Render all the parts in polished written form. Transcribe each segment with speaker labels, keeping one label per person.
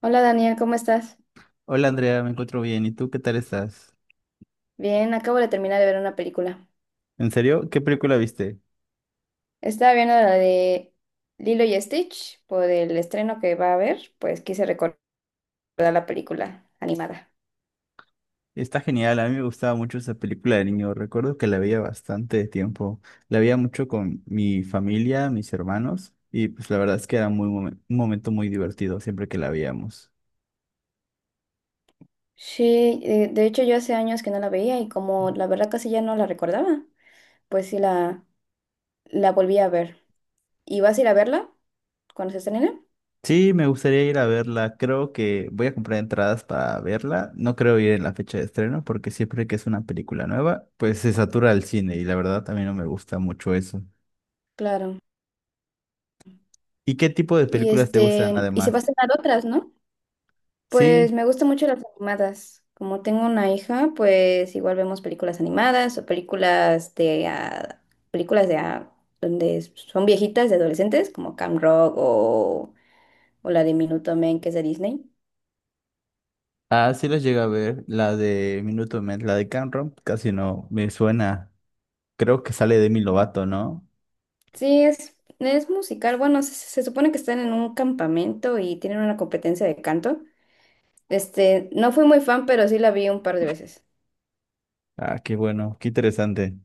Speaker 1: Hola Daniel, ¿cómo estás?
Speaker 2: Hola Andrea, me encuentro bien. ¿Y tú qué tal estás?
Speaker 1: Bien, acabo de terminar de ver una película.
Speaker 2: ¿En serio? ¿Qué película viste?
Speaker 1: Estaba viendo la de Lilo y Stitch por el estreno que va a haber, pues quise recordar la película animada.
Speaker 2: Está genial, a mí me gustaba mucho esa película de niño. Recuerdo que la veía bastante de tiempo. La veía mucho con mi familia, mis hermanos, y pues la verdad es que era un momento muy divertido siempre que la veíamos.
Speaker 1: Sí, de hecho yo hace años que no la veía y como la verdad casi ya no la recordaba, pues sí la volví a ver. ¿Y vas a ir a verla cuando se estrene?
Speaker 2: Sí, me gustaría ir a verla. Creo que voy a comprar entradas para verla. No creo ir en la fecha de estreno porque siempre que es una película nueva, pues se satura el cine y la verdad también no me gusta mucho eso.
Speaker 1: Claro.
Speaker 2: ¿Y qué tipo de
Speaker 1: Y
Speaker 2: películas te gustan
Speaker 1: este, y se va a
Speaker 2: además?
Speaker 1: estrenar otras, ¿no?
Speaker 2: Sí.
Speaker 1: Pues me gustan mucho las animadas. Como tengo una hija, pues igual vemos películas animadas o películas de donde son viejitas de adolescentes, como Camp Rock o la de Minutemen, que es de Disney.
Speaker 2: Ah, sí los llega a ver, la de Minuto Men, la de Camp Rock, casi no me suena. Creo que sale Demi Lovato, ¿no?
Speaker 1: Sí, es musical. Bueno, se supone que están en un campamento y tienen una competencia de canto. Este, no fui muy fan, pero sí la vi un par de veces.
Speaker 2: Ah, qué bueno, qué interesante.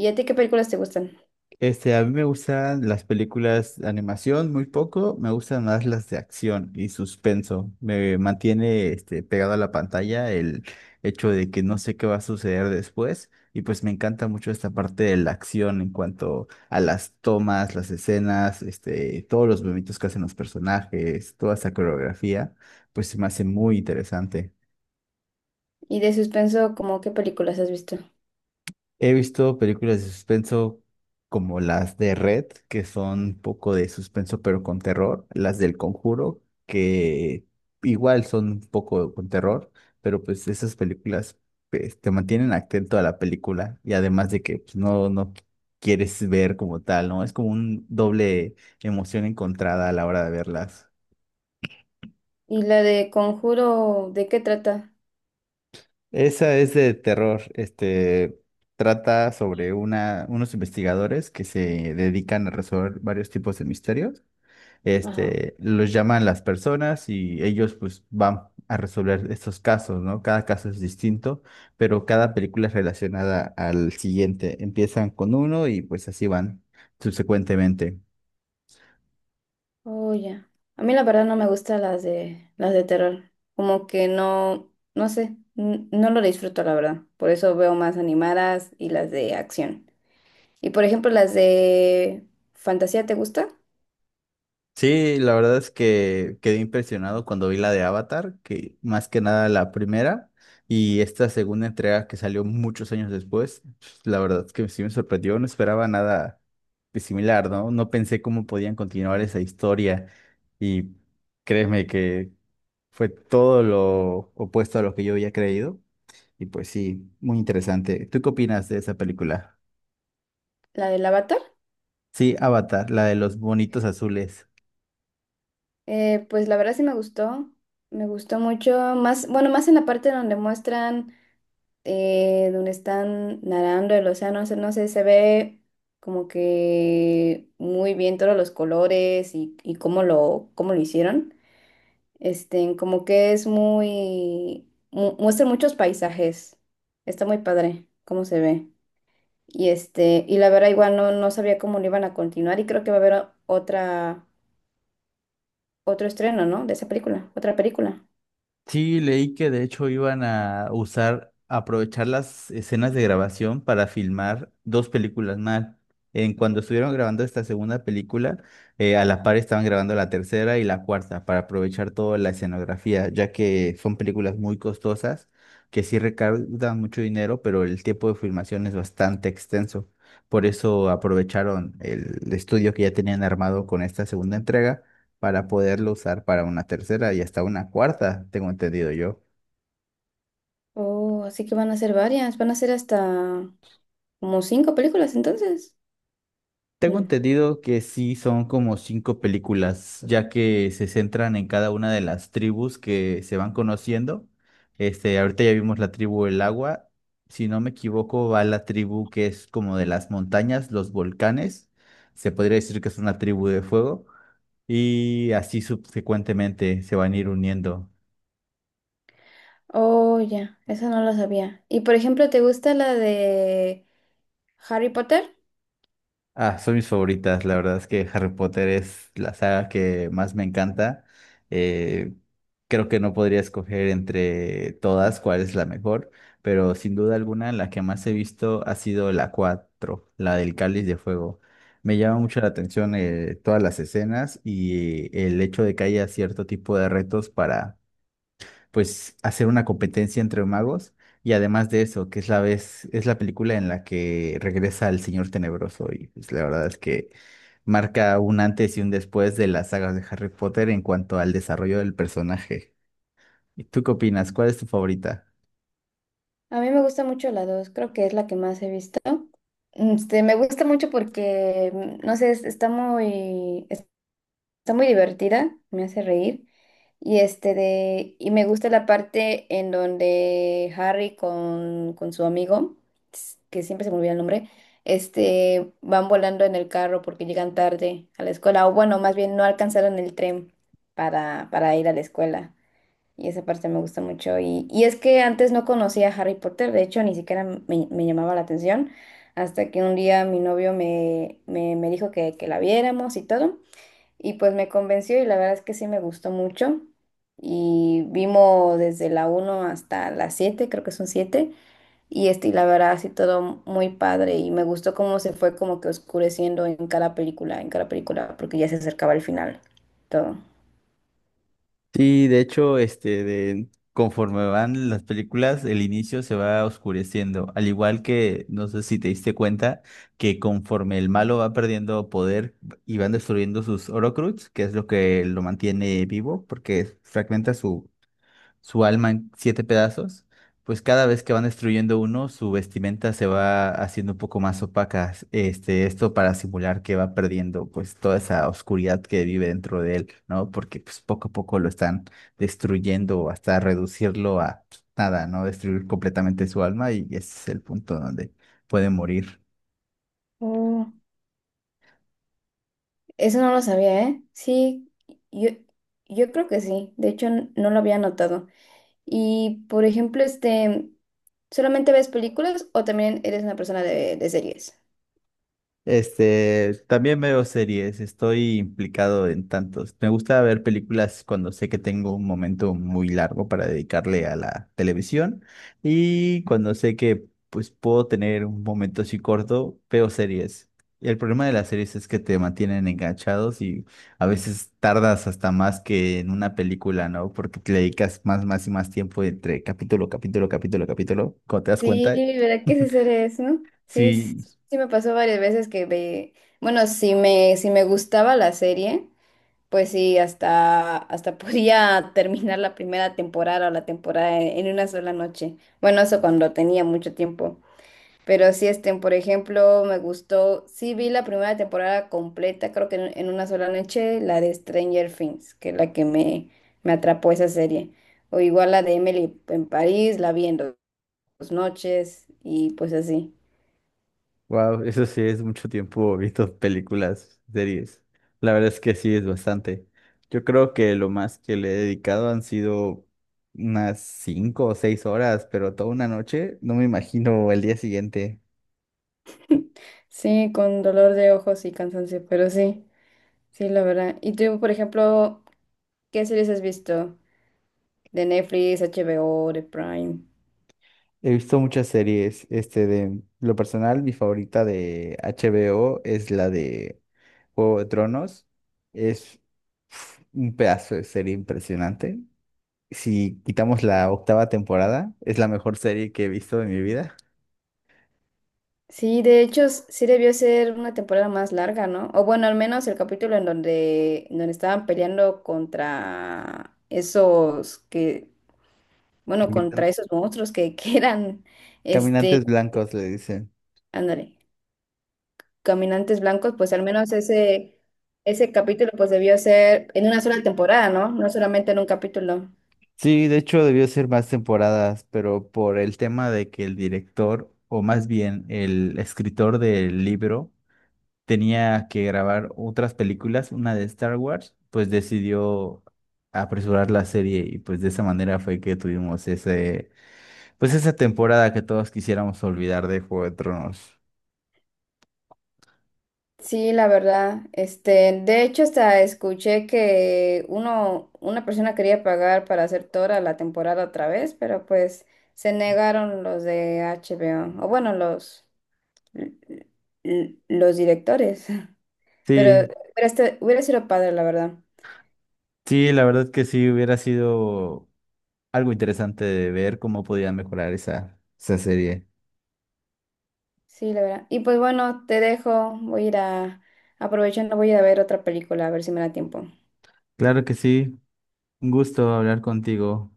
Speaker 1: ¿Y a ti qué películas te gustan?
Speaker 2: Este, a mí me gustan las películas de animación muy poco, me gustan más las de acción y suspenso. Me mantiene este, pegado a la pantalla el hecho de que no sé qué va a suceder después y pues me encanta mucho esta parte de la acción en cuanto a las tomas, las escenas, este, todos los movimientos que hacen los personajes, toda esa coreografía, pues se me hace muy interesante.
Speaker 1: Y de suspenso, ¿cómo qué películas has visto?
Speaker 2: He visto películas de suspenso como las de Red, que son un poco de suspenso pero con terror, las del Conjuro, que igual son un poco con terror, pero pues esas películas pues, te mantienen atento a la película y además de que pues, no quieres ver como tal, ¿no? Es como un doble emoción encontrada a la hora de verlas.
Speaker 1: ¿Y la de Conjuro, de qué trata?
Speaker 2: Esa es de terror. Este trata sobre unos investigadores que se dedican a resolver varios tipos de misterios.
Speaker 1: Ajá.
Speaker 2: Este, los llaman las personas y ellos pues van a resolver estos casos, ¿no? Cada caso es distinto, pero cada película es relacionada al siguiente. Empiezan con uno y pues así van subsecuentemente.
Speaker 1: Oh, ya. A mí la verdad no me gustan las de terror. Como que no, no sé, no lo disfruto la verdad. Por eso veo más animadas y las de acción. Y por ejemplo, las de fantasía, ¿te gusta?
Speaker 2: Sí, la verdad es que quedé impresionado cuando vi la de Avatar, que más que nada la primera y esta segunda entrega que salió muchos años después, pues, la verdad es que sí me sorprendió, no esperaba nada de similar, ¿no? No pensé cómo podían continuar esa historia y créeme que fue todo lo opuesto a lo que yo había creído y pues sí, muy interesante. ¿Tú qué opinas de esa película?
Speaker 1: La del Avatar.
Speaker 2: Sí, Avatar, la de los bonitos azules.
Speaker 1: Pues la verdad sí me gustó mucho, más, bueno, más en la parte donde muestran, donde están nadando el océano, o sea, no sé, se ve como que muy bien todos los colores y cómo lo hicieron. Este, como que es muestra muchos paisajes, está muy padre cómo se ve. Y este, y la verdad igual no, no sabía cómo lo iban a continuar y creo que va a haber otro estreno, ¿no? De esa película, otra película.
Speaker 2: Sí, leí que de hecho iban a usar, aprovechar las escenas de grabación para filmar dos películas más. En cuando estuvieron grabando esta segunda película, a la par estaban grabando la tercera y la cuarta para aprovechar toda la escenografía, ya que son películas muy costosas que sí recaudan mucho dinero, pero el tiempo de filmación es bastante extenso. Por eso aprovecharon el estudio que ya tenían armado con esta segunda entrega para poderlo usar para una tercera y hasta una cuarta, tengo entendido yo.
Speaker 1: Oh, así que van a ser varias, van a ser hasta como cinco películas entonces.
Speaker 2: Tengo
Speaker 1: No.
Speaker 2: entendido que sí son como cinco películas, ya que se centran en cada una de las tribus que se van conociendo. Este, ahorita ya vimos la tribu del agua. Si no me equivoco, va la tribu que es como de las montañas, los volcanes. Se podría decir que es una tribu de fuego. Y así subsecuentemente se van a ir uniendo.
Speaker 1: Oh, ya, esa no la sabía. Y por ejemplo, ¿te gusta la de Harry Potter?
Speaker 2: Ah, son mis favoritas. La verdad es que Harry Potter es la saga que más me encanta. Eh, creo que no podría escoger entre todas cuál es la mejor, pero sin duda alguna la que más he visto ha sido la 4, la del Cáliz de Fuego. Me llama mucho la atención todas las escenas y el hecho de que haya cierto tipo de retos para pues hacer una competencia entre magos y además de eso, que es la vez, es la película en la que regresa el Señor Tenebroso y pues la verdad es que marca un antes y un después de las sagas de Harry Potter en cuanto al desarrollo del personaje. ¿Y tú qué opinas? ¿Cuál es tu favorita?
Speaker 1: A mí me gusta mucho la dos, creo que es la que más he visto. Este, me gusta mucho porque, no sé, está muy divertida, me hace reír. Y me gusta la parte en donde Harry con su amigo, que siempre se me olvida el nombre, este, van volando en el carro porque llegan tarde a la escuela, o bueno, más bien no alcanzaron el tren para ir a la escuela. Y esa parte me gusta mucho. Y es que antes no conocía a Harry Potter, de hecho, ni siquiera me, me llamaba la atención, hasta que un día mi novio me dijo que la viéramos y todo. Y pues me convenció y la verdad es que sí me gustó mucho. Y vimos desde la uno hasta la siete, creo que son siete. Y este, y la verdad, sí, todo muy padre. Y me gustó cómo se fue como que oscureciendo en cada película, porque ya se acercaba el final. Todo.
Speaker 2: Sí, de hecho, conforme van las películas, el inicio se va oscureciendo. Al igual que, no sé si te diste cuenta, que conforme el malo va perdiendo poder y van destruyendo sus Horcrux, que es lo que lo mantiene vivo, porque fragmenta su alma en 7 pedazos, pues cada vez que van destruyendo uno, su vestimenta se va haciendo un poco más opaca. Este, esto para simular que va perdiendo pues toda esa oscuridad que vive dentro de él, ¿no? Porque pues poco a poco lo están destruyendo hasta reducirlo a pues, nada, ¿no? Destruir completamente su alma y ese es el punto donde puede morir.
Speaker 1: Oh, eso no lo sabía, ¿eh? Sí, yo, yo creo que sí. De hecho, no lo había notado. Y, por ejemplo, este, ¿solamente ves películas o también eres una persona de series?
Speaker 2: Este, también veo series, estoy implicado en tantos. Me gusta ver películas cuando sé que tengo un momento muy largo para dedicarle a la televisión y cuando sé que pues puedo tener un momento así corto, veo series. Y el problema de las series es que te mantienen enganchados y a veces tardas hasta más que en una película, ¿no? Porque te le dedicas más, más y más tiempo entre capítulo, capítulo, capítulo, capítulo, cuando te das
Speaker 1: Sí,
Speaker 2: cuenta.
Speaker 1: ¿verdad que ese ser es, no? Sí, sí,
Speaker 2: Sí.
Speaker 1: sí me pasó varias veces que ve, bueno, si me gustaba la serie, pues sí, hasta podía terminar la primera temporada o la temporada en una sola noche. Bueno, eso cuando tenía mucho tiempo. Pero sí, este, por ejemplo, me gustó, sí vi la primera temporada completa, creo que en una sola noche, la de Stranger Things, que es la que me atrapó esa serie. O igual la de Emily en París, la vi en las noches y pues así.
Speaker 2: Wow, eso sí es mucho tiempo visto películas, series. La verdad es que sí es bastante. Yo creo que lo más que le he dedicado han sido unas 5 o 6 horas, pero toda una noche, no me imagino el día siguiente.
Speaker 1: Sí, con dolor de ojos y cansancio, pero sí, sí, la verdad. ¿Y tú, por ejemplo, qué series has visto? De Netflix, HBO, de Prime.
Speaker 2: He visto muchas series, este de lo personal, mi favorita de HBO es la de Juego de Tronos. Es uf, un pedazo de serie impresionante. Si quitamos la octava temporada, es la mejor serie que he visto en mi vida.
Speaker 1: Sí, de hecho, sí debió ser una temporada más larga, ¿no? O bueno, al menos el capítulo en donde estaban peleando contra esos que, bueno, contra
Speaker 2: Caminan-
Speaker 1: esos monstruos que, que eran, este,
Speaker 2: Caminantes blancos le dicen.
Speaker 1: ándale. Caminantes Blancos, pues al menos ese capítulo pues debió ser en una sola temporada, ¿no? No solamente en un capítulo.
Speaker 2: Sí, de hecho debió ser más temporadas, pero por el tema de que el director, o más bien el escritor del libro, tenía que grabar otras películas, una de Star Wars, pues decidió apresurar la serie y pues de esa manera fue que tuvimos ese, pues esa temporada que todos quisiéramos olvidar de Juego de Tronos.
Speaker 1: Sí, la verdad. Este, de hecho, hasta escuché que uno, una persona quería pagar para hacer toda la temporada otra vez, pero pues se negaron los de HBO, o bueno, l- los directores. Pero
Speaker 2: Sí,
Speaker 1: hubiera sido padre, la verdad.
Speaker 2: sí, la verdad que sí hubiera sido algo interesante de ver cómo podían mejorar esa, esa serie.
Speaker 1: Sí, la verdad. Y pues bueno, te dejo. Voy a ir a, aprovechando, voy a ir a ver otra película, a ver si me da tiempo.
Speaker 2: Claro que sí. Un gusto hablar contigo.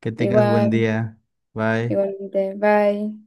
Speaker 2: Que tengas buen
Speaker 1: Igual,
Speaker 2: día. Bye.
Speaker 1: igualmente. Bye.